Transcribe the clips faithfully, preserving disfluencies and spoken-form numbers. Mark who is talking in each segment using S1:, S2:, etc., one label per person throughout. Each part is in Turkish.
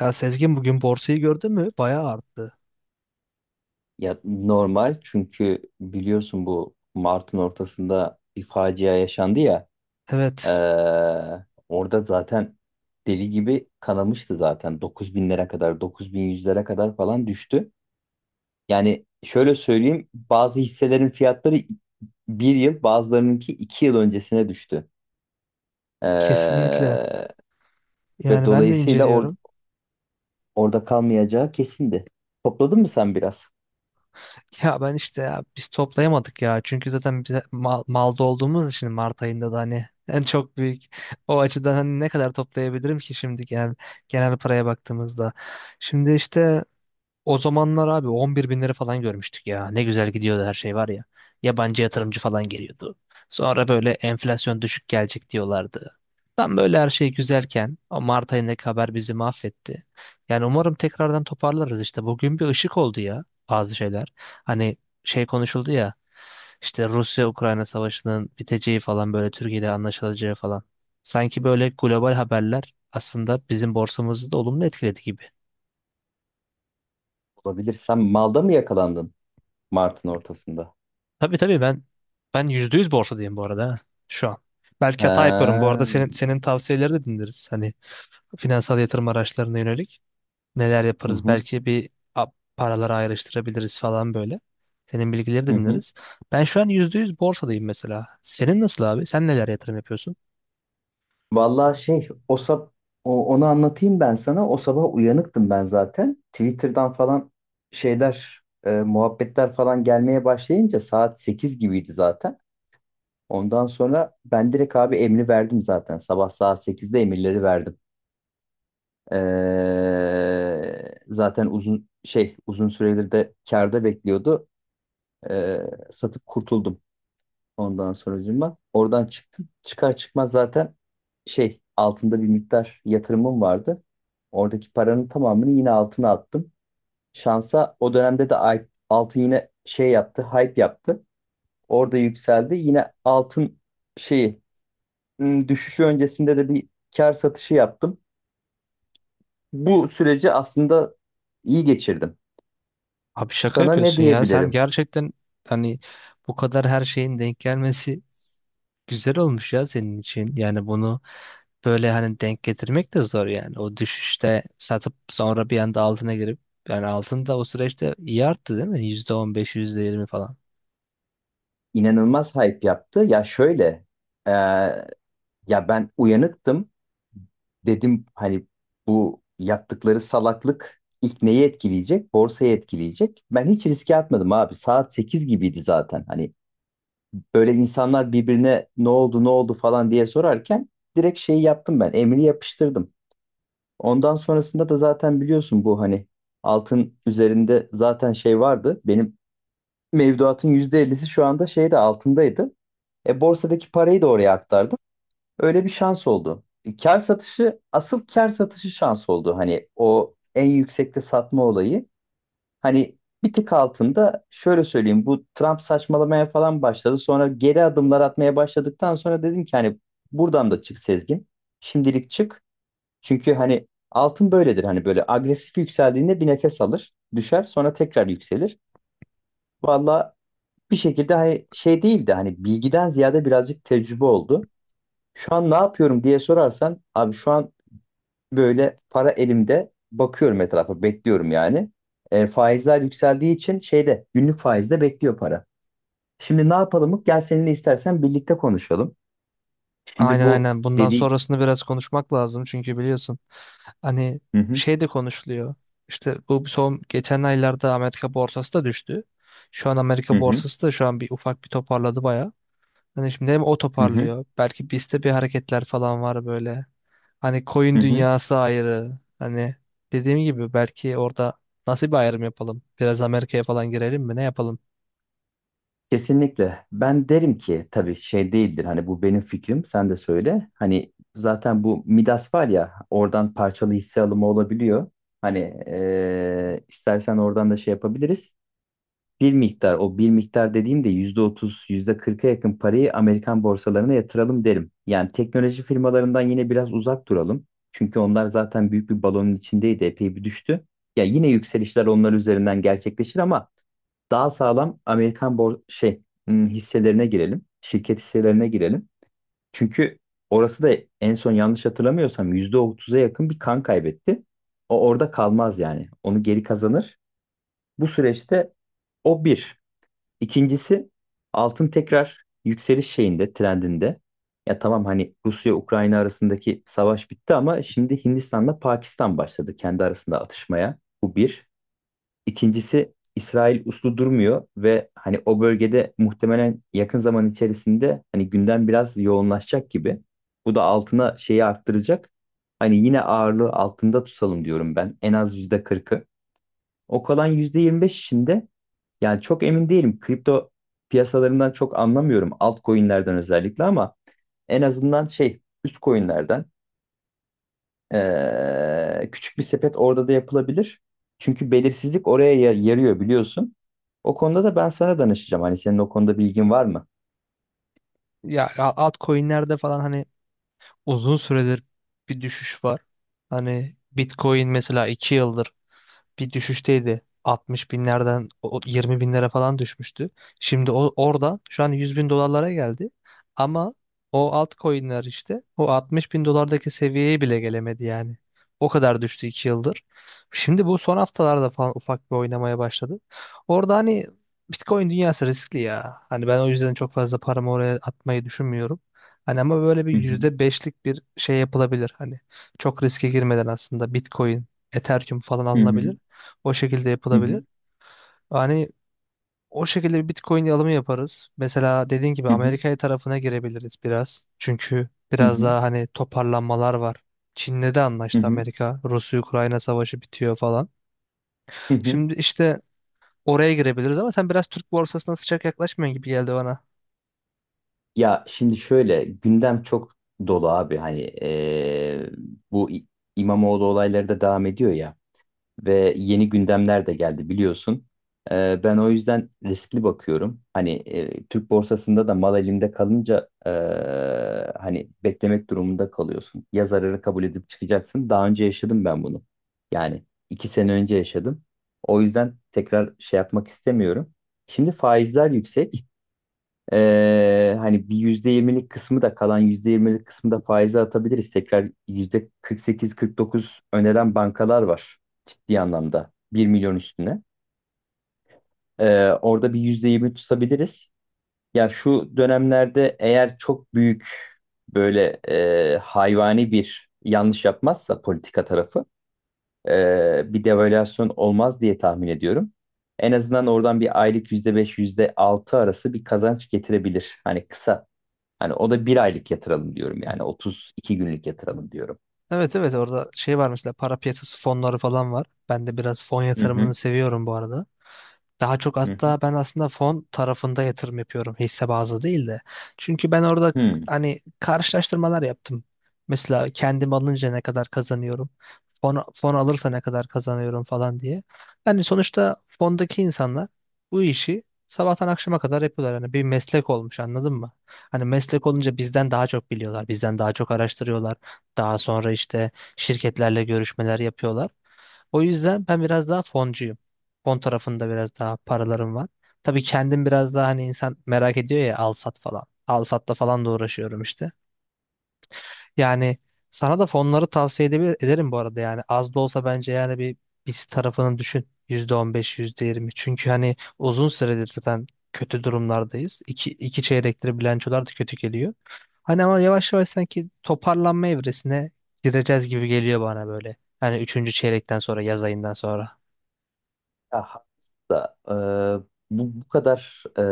S1: Ya Sezgin, bugün borsayı gördün mü? Bayağı arttı.
S2: Ya normal çünkü biliyorsun bu Mart'ın ortasında bir facia yaşandı ya.
S1: Evet,
S2: Ee, Orada zaten deli gibi kanamıştı zaten. Dokuz binlere kadar, dokuz bin yüzlere kadar falan düştü. Yani şöyle söyleyeyim, bazı hisselerin fiyatları bir yıl, bazılarınınki iki yıl öncesine düştü. Ee,
S1: kesinlikle.
S2: Ve
S1: Yani ben de
S2: dolayısıyla or-
S1: inceliyorum.
S2: orada kalmayacağı kesindi. Topladın mı sen biraz?
S1: Ya ben işte ya biz toplayamadık ya. Çünkü zaten bize mal, malda olduğumuz için Mart ayında da hani en çok büyük o açıdan hani ne kadar toplayabilirim ki şimdi genel genel paraya baktığımızda. Şimdi işte o zamanlar abi on bir bin lira falan görmüştük ya. Ne güzel gidiyordu her şey var ya. Yabancı yatırımcı falan geliyordu. Sonra böyle enflasyon düşük gelecek diyorlardı. Tam böyle her şey güzelken o Mart ayındaki haber bizi mahvetti. Yani umarım tekrardan toparlarız işte. Bugün bir ışık oldu ya, bazı şeyler. Hani şey konuşuldu ya, işte Rusya-Ukrayna savaşının biteceği falan, böyle Türkiye'de anlaşılacağı falan. Sanki böyle global haberler aslında bizim borsamızı da olumlu etkiledi gibi.
S2: Olabilir. Sen malda mı yakalandın Mart'ın ortasında?
S1: Tabii tabii, ben ben yüzde yüz borsadayım bu arada ha, şu an. Belki hata yapıyorum. Bu
S2: Ha.
S1: arada senin senin tavsiyeleri de dinleriz. Hani finansal yatırım araçlarına yönelik neler
S2: Hı
S1: yaparız?
S2: hı,
S1: Belki bir a- paraları ayrıştırabiliriz falan böyle. Senin bilgileri de
S2: hı hı.
S1: dinleriz. Ben şu an yüzde yüz borsadayım mesela. Senin nasıl abi? Sen neler yatırım yapıyorsun?
S2: Vallahi şey o sab o- onu anlatayım ben sana. O sabah uyanıktım ben zaten. Twitter'dan falan şeyler e, muhabbetler falan gelmeye başlayınca saat sekiz gibiydi zaten. Ondan sonra ben direkt abi emri verdim zaten. Sabah saat sekizde emirleri verdim. Ee, zaten uzun şey uzun süredir de kârda bekliyordu. Ee, Satıp kurtuldum. Ondan sonracığıma oradan çıktım. Çıkar çıkmaz zaten şey altında bir miktar yatırımım vardı. Oradaki paranın tamamını yine altına attım. Şansa o dönemde de ay- altın yine şey yaptı, hype yaptı. Orada yükseldi. Yine altın şeyi ım, düşüşü öncesinde de bir kar satışı yaptım. Bu süreci aslında iyi geçirdim.
S1: Abi şaka
S2: Sana ne
S1: yapıyorsun ya. Sen
S2: diyebilirim?
S1: gerçekten hani bu kadar her şeyin denk gelmesi güzel olmuş ya senin için. Yani bunu böyle hani denk getirmek de zor yani. O düşüşte satıp sonra bir anda altına girip, yani altın da o süreçte iyi arttı değil mi? yüzde on beş, yirmi falan.
S2: İnanılmaz hype yaptı. Ya şöyle, e, ya ben uyanıktım. Dedim hani bu yaptıkları salaklık ilk neyi etkileyecek? Borsayı etkileyecek. Ben hiç riske atmadım abi. Saat sekiz gibiydi zaten. Hani böyle insanlar birbirine ne oldu ne oldu falan diye sorarken direkt şeyi yaptım ben. Emri yapıştırdım. Ondan sonrasında da zaten biliyorsun bu hani altın üzerinde zaten şey vardı. Benim mevduatın yüzde ellisi şu anda şeyde altındaydı. E borsadaki parayı da oraya aktardım. Öyle bir şans oldu. Kar satışı, asıl kar satışı şans oldu. Hani o en yüksekte satma olayı. Hani bir tık altında şöyle söyleyeyim. Bu Trump saçmalamaya falan başladı. Sonra geri adımlar atmaya başladıktan sonra dedim ki hani buradan da çık Sezgin. Şimdilik çık. Çünkü hani altın böyledir. Hani böyle agresif yükseldiğinde bir nefes alır. Düşer sonra tekrar yükselir. Valla bir şekilde hani şey değil de hani bilgiden ziyade birazcık tecrübe oldu. Şu an ne yapıyorum diye sorarsan abi, şu an böyle para elimde bakıyorum etrafa bekliyorum yani. E, faizler yükseldiği için şeyde günlük faizde bekliyor para. Şimdi ne yapalım? Gel seninle istersen birlikte konuşalım. Şimdi
S1: Aynen
S2: bu
S1: aynen. Bundan
S2: dediği.
S1: sonrasını biraz konuşmak lazım çünkü biliyorsun hani
S2: Hı hı,
S1: şey de konuşuluyor. İşte bu son geçen aylarda Amerika borsası da düştü. Şu an
S2: hı
S1: Amerika
S2: hı,
S1: borsası da şu an bir ufak bir toparladı baya. Hani şimdi hem o
S2: hı hı,
S1: toparlıyor. Belki bizde bir hareketler falan var böyle. Hani koyun
S2: hı hı.
S1: dünyası ayrı. Hani dediğim gibi belki orada nasıl bir ayrım yapalım? Biraz Amerika'ya falan girelim mi? Ne yapalım?
S2: Kesinlikle. Ben derim ki tabii şey değildir. Hani bu benim fikrim. Sen de söyle. Hani zaten bu Midas var ya, oradan parçalı hisse alımı olabiliyor. Hani e, istersen oradan da şey yapabiliriz. Bir miktar, o bir miktar dediğimde yüzde otuz yüzde kırka yakın parayı Amerikan borsalarına yatıralım derim. Yani teknoloji firmalarından yine biraz uzak duralım. Çünkü onlar zaten büyük bir balonun içindeydi, epey bir düştü. Ya yine yükselişler onlar üzerinden gerçekleşir ama daha sağlam Amerikan bor şey hmm, hisselerine girelim. Şirket hisselerine girelim. Çünkü orası da en son yanlış hatırlamıyorsam yüzde otuz'a yakın bir kan kaybetti. O orada kalmaz yani. Onu geri kazanır. Bu süreçte o bir. İkincisi altın tekrar yükseliş şeyinde, trendinde. Ya tamam hani Rusya-Ukrayna arasındaki savaş bitti ama şimdi Hindistan'la Pakistan başladı kendi arasında atışmaya. Bu bir. İkincisi İsrail uslu durmuyor ve hani o bölgede muhtemelen yakın zaman içerisinde hani gündem biraz yoğunlaşacak gibi. Bu da altına şeyi arttıracak. Hani yine ağırlığı altında tutalım diyorum ben. En az yüzde kırkı. O kalan yüzde yirmi beş içinde yani çok emin değilim. Kripto piyasalarından çok anlamıyorum. Altcoin'lerden özellikle ama en azından şey üst coin'lerden eee, küçük bir sepet orada da yapılabilir. Çünkü belirsizlik oraya ya- yarıyor biliyorsun. O konuda da ben sana danışacağım. Hani senin o konuda bilgin var mı?
S1: Ya a- altcoin'lerde falan hani uzun süredir bir düşüş var. Hani Bitcoin mesela iki yıldır bir düşüşteydi. altmış binlerden o- o yirmi binlere falan düşmüştü. Şimdi o, oradan şu an yüz bin dolarlara geldi. Ama o altcoin'ler işte o altmış bin dolardaki seviyeye bile gelemedi yani. O kadar düştü iki yıldır. Şimdi bu son haftalarda falan ufak bir oynamaya başladı. Orada hani Bitcoin dünyası riskli ya. Hani ben o yüzden çok fazla paramı oraya atmayı düşünmüyorum. Hani ama böyle bir
S2: Hı hı.
S1: yüzde beşlik bir şey yapılabilir. Hani çok riske girmeden aslında Bitcoin, Ethereum falan
S2: Hı hı.
S1: alınabilir. O şekilde
S2: Hı
S1: yapılabilir.
S2: hı.
S1: Hani o şekilde bir Bitcoin alımı yaparız. Mesela dediğin gibi
S2: Hı hı.
S1: Amerika'ya tarafına girebiliriz biraz. Çünkü
S2: Hı
S1: biraz
S2: hı.
S1: daha hani toparlanmalar var. Çin'le de
S2: Hı
S1: anlaştı
S2: hı.
S1: Amerika. Rusya-Ukrayna savaşı bitiyor falan.
S2: Hı hı.
S1: Şimdi işte oraya girebiliriz ama sen biraz Türk borsasına sıcak yaklaşmıyorsun gibi geldi bana.
S2: Ya şimdi şöyle gündem çok dolu abi hani eee, bu İ- İmamoğlu olayları da devam ediyor ya ve yeni gündemler de geldi biliyorsun. Eee, ben o yüzden riskli bakıyorum. Hani eee, Türk borsasında da mal elimde kalınca eee, hani beklemek durumunda kalıyorsun. Ya zararı kabul edip çıkacaksın. Daha önce yaşadım ben bunu. Yani iki sene önce yaşadım. O yüzden tekrar şey yapmak istemiyorum. Şimdi faizler yüksek. Ee, hani bir yüzde yirmilik kısmı da kalan yüzde yirmilik kısmı da faize atabiliriz. Tekrar yüzde kırk sekiz, kırk dokuz öneren bankalar var, ciddi anlamda bir milyon üstüne. Ee, orada bir yüzde yirmi tutabiliriz. Ya şu dönemlerde eğer çok büyük böyle e, hayvani bir yanlış yapmazsa politika tarafı, e, bir devalüasyon olmaz diye tahmin ediyorum. En azından oradan bir aylık yüzde beş, yüzde altı arası bir kazanç getirebilir. Hani kısa. Hani o da bir aylık yatıralım diyorum. Yani otuz iki günlük yatıralım diyorum.
S1: Evet evet, orada şey var mesela, para piyasası fonları falan var. Ben de biraz fon
S2: Hı
S1: yatırımını
S2: hı.
S1: seviyorum bu arada. Daha çok
S2: Hı hı.
S1: hatta ben aslında fon tarafında yatırım yapıyorum, hisse bazlı değil de. Çünkü ben orada
S2: Hı.
S1: hani karşılaştırmalar yaptım. Mesela kendim alınca ne kadar kazanıyorum, fon, fon alırsa ne kadar kazanıyorum falan diye. Yani sonuçta fondaki insanlar bu işi sabahtan akşama kadar yapıyorlar. Yani bir meslek olmuş, anladın mı? Hani meslek olunca bizden daha çok biliyorlar, bizden daha çok araştırıyorlar. Daha sonra işte şirketlerle görüşmeler yapıyorlar. O yüzden ben biraz daha foncuyum. Fon tarafında biraz daha paralarım var. Tabii kendim biraz daha hani insan merak ediyor ya, al sat falan. Al satla falan da uğraşıyorum işte. Yani sana da fonları tavsiye edebilir, ederim bu arada yani. Az da olsa bence yani bir biz tarafını düşün. Yüzde on beş yüzde yirmi. Çünkü hani uzun süredir zaten kötü durumlardayız. İki, iki çeyrektir bilançolar da kötü geliyor. Hani ama yavaş yavaş sanki toparlanma evresine gireceğiz gibi geliyor bana böyle. Hani üçüncü çeyrekten sonra, yaz ayından sonra.
S2: Aha. Da, e, bu, bu kadar e,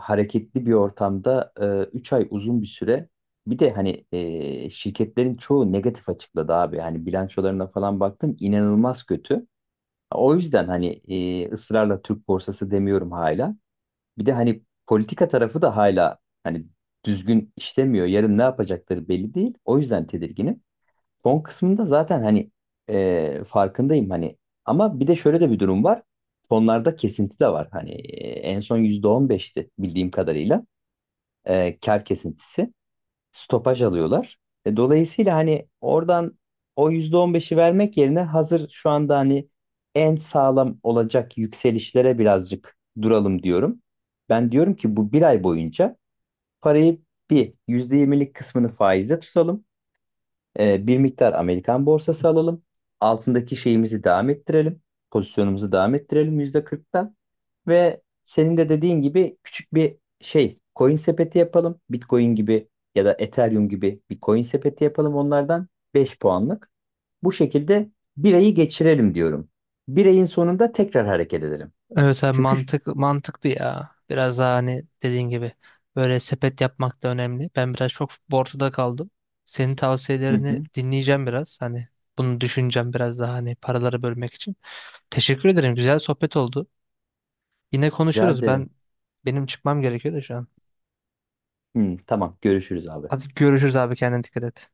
S2: hareketli bir ortamda üç ay uzun bir süre. Bir de hani e, şirketlerin çoğu negatif açıkladı abi. Hani bilançolarına falan baktım inanılmaz kötü. O yüzden hani e, ısrarla Türk borsası demiyorum hala. Bir de hani politika tarafı da hala hani düzgün işlemiyor. Yarın ne yapacakları belli değil. O yüzden tedirginim. Son kısmında zaten hani e, farkındayım hani ama bir de şöyle de bir durum var. Sonlarda kesinti de var. Hani e, en son yüzde on beşti bildiğim kadarıyla. E, kar kesintisi. Stopaj alıyorlar. E, dolayısıyla hani oradan o yüzde on beşi vermek yerine hazır şu anda hani en sağlam olacak yükselişlere birazcık duralım diyorum. Ben diyorum ki bu bir ay boyunca parayı bir yüzde yirmilik kısmını faizde tutalım. Ee, bir miktar Amerikan borsası alalım. Altındaki şeyimizi devam ettirelim. Pozisyonumuzu devam ettirelim yüzde kırktan. Ve senin de dediğin gibi küçük bir şey coin sepeti yapalım. Bitcoin gibi ya da Ethereum gibi bir coin sepeti yapalım onlardan beş puanlık. Bu şekilde bir ayı geçirelim diyorum. Bir ayın sonunda tekrar hareket edelim.
S1: Evet abi
S2: Çünkü
S1: mantık, mantıklı ya. Biraz daha hani dediğin gibi böyle sepet yapmak da önemli. Ben biraz çok borçta kaldım. Senin
S2: hı
S1: tavsiyelerini
S2: hı,
S1: dinleyeceğim biraz. Hani bunu düşüneceğim biraz daha, hani paraları bölmek için. Teşekkür ederim. Güzel sohbet oldu. Yine
S2: rica
S1: konuşuruz.
S2: ederim.
S1: Ben benim çıkmam gerekiyor da şu an.
S2: Hı, tamam görüşürüz abi.
S1: Hadi görüşürüz abi, kendine dikkat et.